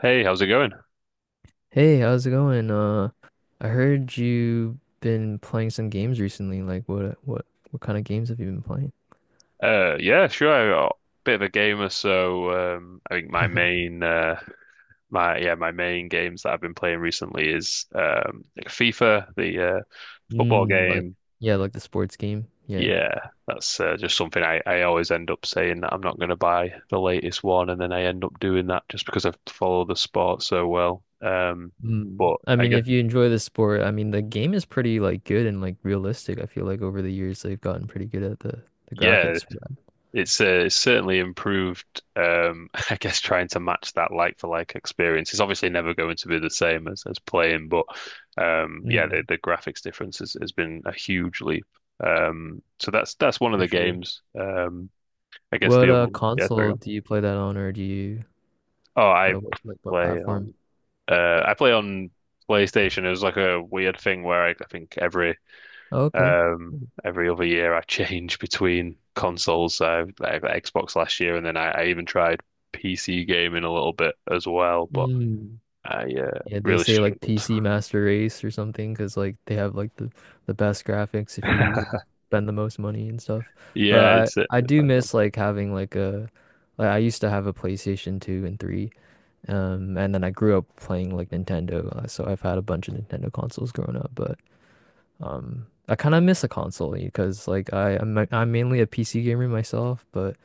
Hey, how's it going? Hey, how's it going? I heard you been playing some games recently. Like what kind of games have you been playing? Yeah, sure. I'm a bit of a gamer, so I think my main, uh, my yeah, my main games that I've been playing recently is like FIFA, the football Mm, like game. yeah, like the sports game. Yeah. Yeah, that's just something I always end up saying that I'm not going to buy the latest one, and then I end up doing that just because I follow the sport so well. Mm. But I I mean, guess if you enjoy the sport, I mean, the game is pretty like good and like realistic. I feel like over the years they've gotten pretty good at the yeah. graphics for that. It's certainly improved. I guess trying to match that like for like experience is obviously never going to be the same as playing, but yeah, the, Mm, the graphics difference has been a huge leap. So that's one of for the sure. games. I guess What the other, yeah, there you console go. do you play that on, or do you Oh, like what play platform? on I play on PlayStation. It was like a weird thing where I think Oh, okay. Um, Cool. every other year I change between consoles. So like Xbox last year, and then I even tried PC gaming a little bit as well, but Mm. I Yeah, they really say like struggled. PC Master Race or something because like they have like the best graphics if you like, spend the most money and stuff. Yeah, But it's it. I do miss like having like I used to have a PlayStation 2 and 3, and then I grew up playing like Nintendo, so I've had a bunch of Nintendo consoles growing up. But I kind of miss a console because like I'm mainly a PC gamer myself, but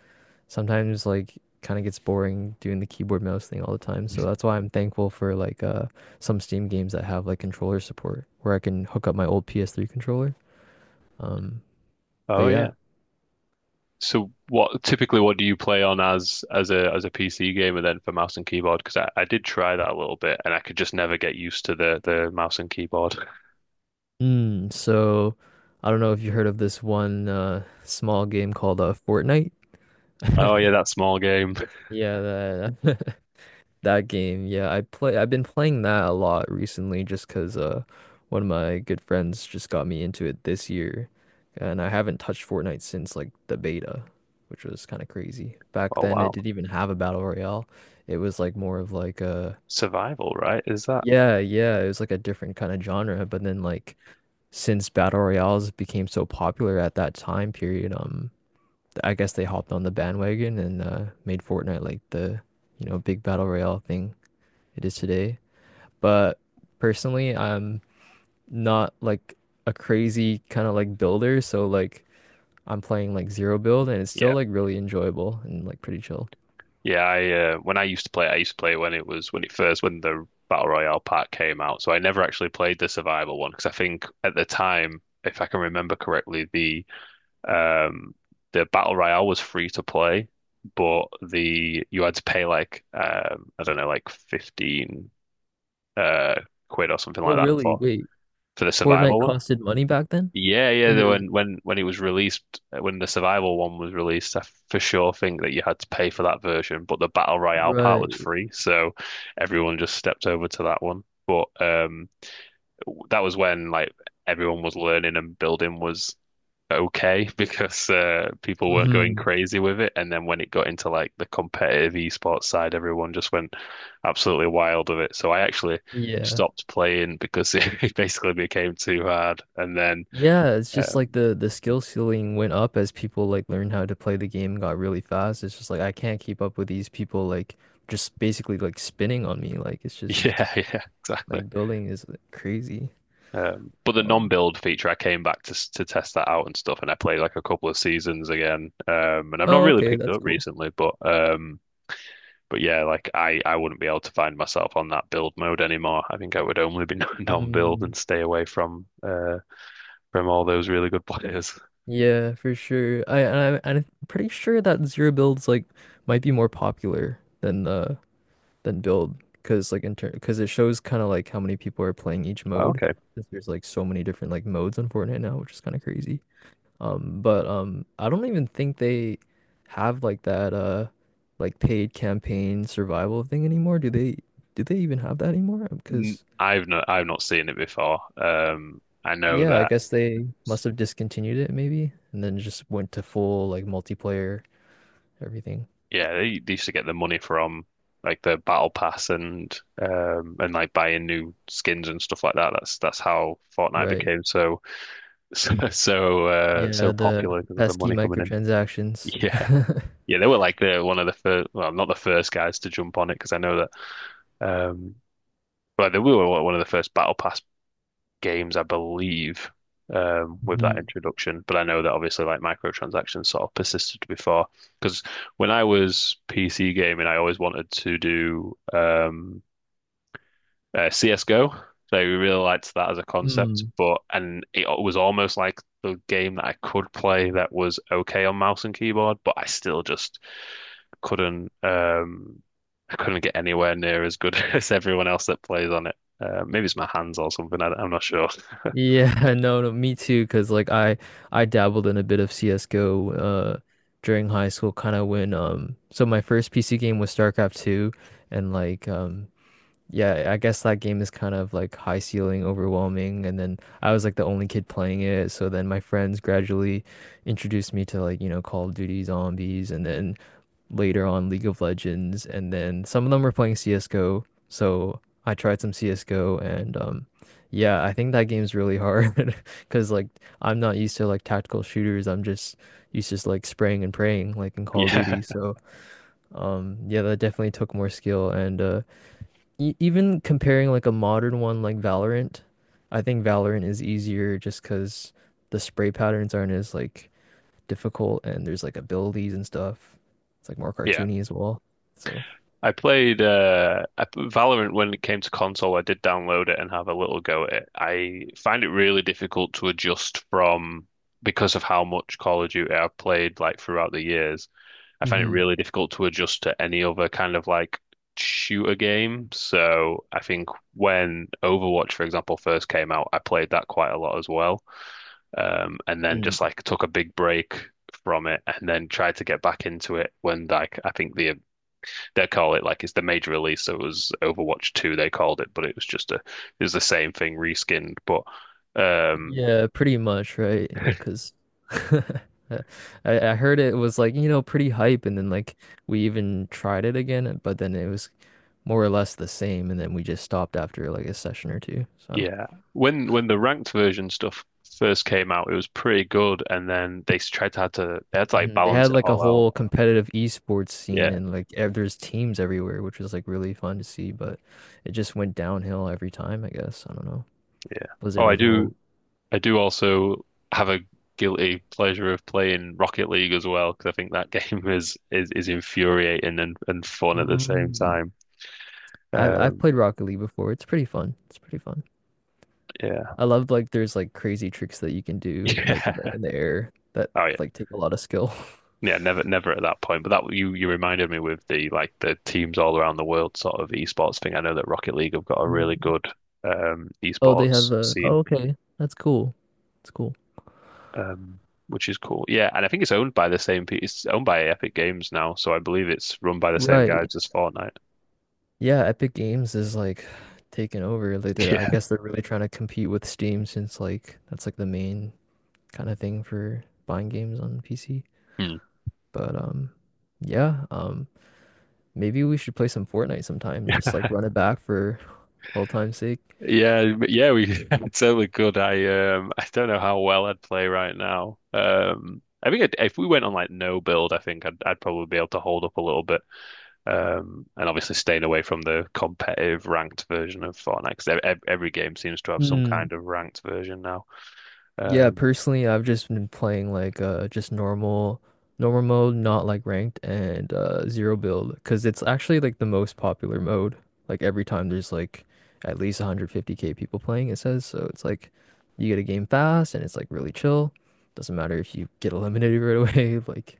sometimes like kind of gets boring doing the keyboard mouse thing all the time. So that's why I'm thankful for like some Steam games that have like controller support where I can hook up my old PS3 controller. Um, but Oh yeah. yeah. So what typically what do you play on as a PC gamer then for mouse and keyboard? Because I did try that a little bit and I could just never get used to the mouse and keyboard. So I don't know if you heard of this one small game called Fortnite. Oh yeah, that small game. Yeah, that that game, yeah, I play. I've been playing that a lot recently, just because one of my good friends just got me into it this year, and I haven't touched Fortnite since like the beta, which was kind of crazy. Back Oh then, it wow. didn't even have a battle royale. It was like more of like a, Survival, right? Is that? yeah, yeah. It was like a different kind of genre. But then like since battle royales became so popular at that time period, I guess they hopped on the bandwagon and made Fortnite like the big battle royale thing it is today. But personally, I'm not like a crazy kind of like builder, so like I'm playing like zero build and it's still Yeah. like really enjoyable and like pretty chill. Yeah, I when I used to play it when it was when it first when the Battle Royale pack came out. So I never actually played the survival one because I think at the time, if I can remember correctly, um the Battle Royale was free to play, but the you had to pay like I don't know like 15 uh quid or something Oh, like that really? for Wait, for the Fortnite survival one. costed money back then? Yeah, yeah. the- Sure. When when when it was released, when the survival one was released, I for sure think that you had to pay for that version, but the battle royale part was Right. free, so everyone just stepped over to that one. But that was when like everyone was learning and building was okay because people weren't going Mm-hmm. crazy with it. And then when it got into like the competitive esports side, everyone just went absolutely wild with it. So I actually Yeah. stopped playing because it basically became too hard, and then. Yeah, it's just like um, the skill ceiling went up as people like learned how to play the game and got really fast. It's just like I can't keep up with these people like just basically like spinning on me. Like it's just Yeah, yeah, exactly. like building is like, crazy. But the Um, non-build feature, I came back to test that out and stuff, and I played like a couple of seasons again. And I've not oh, really okay, picked it that's up cool. recently, but yeah, like I wouldn't be able to find myself on that build mode anymore. I think I would only be non-build Mm, and stay away from all those really good players. yeah, for sure. I'm pretty sure that zero builds like might be more popular than build because like in turn because it shows kind of like how many people are playing each mode. Okay, 'Cause there's like so many different like modes on Fortnite now, which is kind of crazy. But I don't even think they have like that like paid campaign survival thing anymore. Do they even have that anymore? Because I've not seen it before. I know Yeah, I that guess they must have discontinued it maybe and then just went to full like multiplayer everything. Yeah, they used to get the money from like the battle pass and like buying new skins and stuff like that. That's how Fortnite Right. became so so Yeah, the popular because of the pesky money coming in. microtransactions. Yeah, yeah, they were like the one of the first, well, not the first guys to jump on it because I know that um, but they were one of the first battle pass games, I believe, with that Mhm. introduction. But I know that obviously like microtransactions sort of persisted before. Because when I was PC gaming, I always wanted to do CSGO. So I really liked that as a concept, Mm. but and it was almost like the game that I could play that was okay on mouse and keyboard, but I still just couldn't I couldn't get anywhere near as good as everyone else that plays on it. Maybe it's my hands or something. I'm not sure. Yeah, no, no, me too. Because like I dabbled in a bit of CS:GO during high school kind of when so my first PC game was StarCraft 2 and like yeah, I guess that game is kind of like high ceiling, overwhelming, and then I was like the only kid playing it, so then my friends gradually introduced me to like, Call of Duty Zombies and then later on League of Legends and then some of them were playing CS:GO, so I tried some CS:GO and yeah, I think that game's really hard 'cause like I'm not used to like tactical shooters. I'm just used to just, like spraying and praying like in Call of Yeah, Duty. So, yeah, that definitely took more skill and even comparing like a modern one like Valorant, I think Valorant is easier just because the spray patterns aren't as like difficult and there's like abilities and stuff. It's like more yeah. cartoony as well. So. I played Valorant when it came to console. I did download it and have a little go at it. I find it really difficult to adjust from because of how much Call of Duty I've played like throughout the years. I find it Hmm. really difficult to adjust to any other kind of like shooter game. So I think when Overwatch, for example, first came out, I played that quite a lot as well. And then Mm. just like took a big break from it and then tried to get back into it when like I think they call it like it's the major release. So it was Overwatch 2, they called it, but it was just a it was the same thing reskinned. But um Yeah, pretty much, right? Yeah, because I, I heard it was like, pretty hype and then like we even tried it again, but then it was more or less the same and then we just stopped after like a session or two. So. yeah. When the ranked version stuff first came out, it was pretty good and then they tried to had to they had to like Mhm. They balance had it like a all out. whole competitive esports scene Yeah, and like there's teams everywhere, which was like really fun to see, but it just went downhill every time, I guess. I don't know. yeah. Oh, Blizzard I as a do whole. I do also have a guilty pleasure of playing Rocket League as well, because I think that game is infuriating and fun at the same Mm. time. I've Um played Rocket League before. It's pretty fun. It's pretty fun. yeah. I love like there's like crazy tricks that you can do like in the in the air that Yeah. Oh yeah. like take a lot of skill. Yeah, never, never at that point. But that you reminded me with the like the teams all around the world sort of esports thing. I know that Rocket League have got a really Mm. good Oh, they esports have a, scene, oh, okay. That's cool. That's cool. um, which is cool. Yeah, and I think it's owned by the same pe It's owned by Epic Games now, so I believe it's run by the same Right. guys as Fortnite. Yeah, Epic Games is like taking over. Like they're, I Yeah. guess they're really trying to compete with Steam since like that's like the main kind of thing for buying games on PC. Hmm. But yeah, maybe we should play some Fortnite sometime, just like run it back for old time's sake. Yeah, but yeah, we I totally could. I don't know how well I'd play right now. I think I'd, if we went on like no build, I think I'd probably be able to hold up a little bit. And obviously staying away from the competitive ranked version of Fortnite because every game seems to have some kind of ranked version now. Yeah, Um, personally, I've just been playing like just normal mode, not like ranked and zero build because it's actually like the most popular mode. Like every time there's like at least 150K people playing, it says. So it's like you get a game fast and it's like really chill. Doesn't matter if you get eliminated right away, like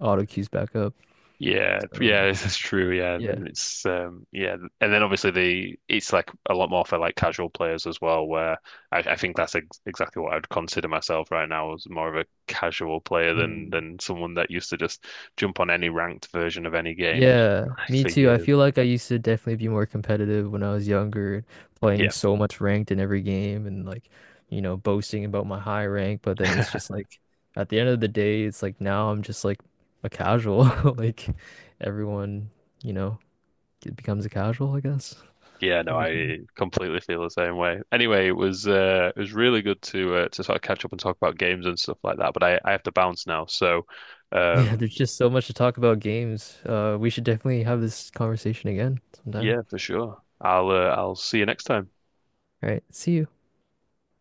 auto queues back up. yeah, So yeah, that's true. Yeah, and yeah. then it's yeah, and then obviously the it's like a lot more for like casual players as well. Where I think that's ex exactly what I'd consider myself right now as more of a casual player than someone that used to just jump on any ranked version of any game Yeah, like, me for too. I years. feel like I used to definitely be more competitive when I was younger, playing Yeah. so much ranked in every game and like, boasting about my high rank. But then it's just like at the end of the day, it's like now I'm just like a casual. Like everyone, you know, it becomes a casual, I guess, Yeah, no, over time. I completely feel the same way. Anyway, it was really good to sort of catch up and talk about games and stuff like that. But I have to bounce now, so Yeah, um, there's just so much to talk about games. We should definitely have this conversation again sometime. yeah, for sure. I'll see you next time. All right, see you.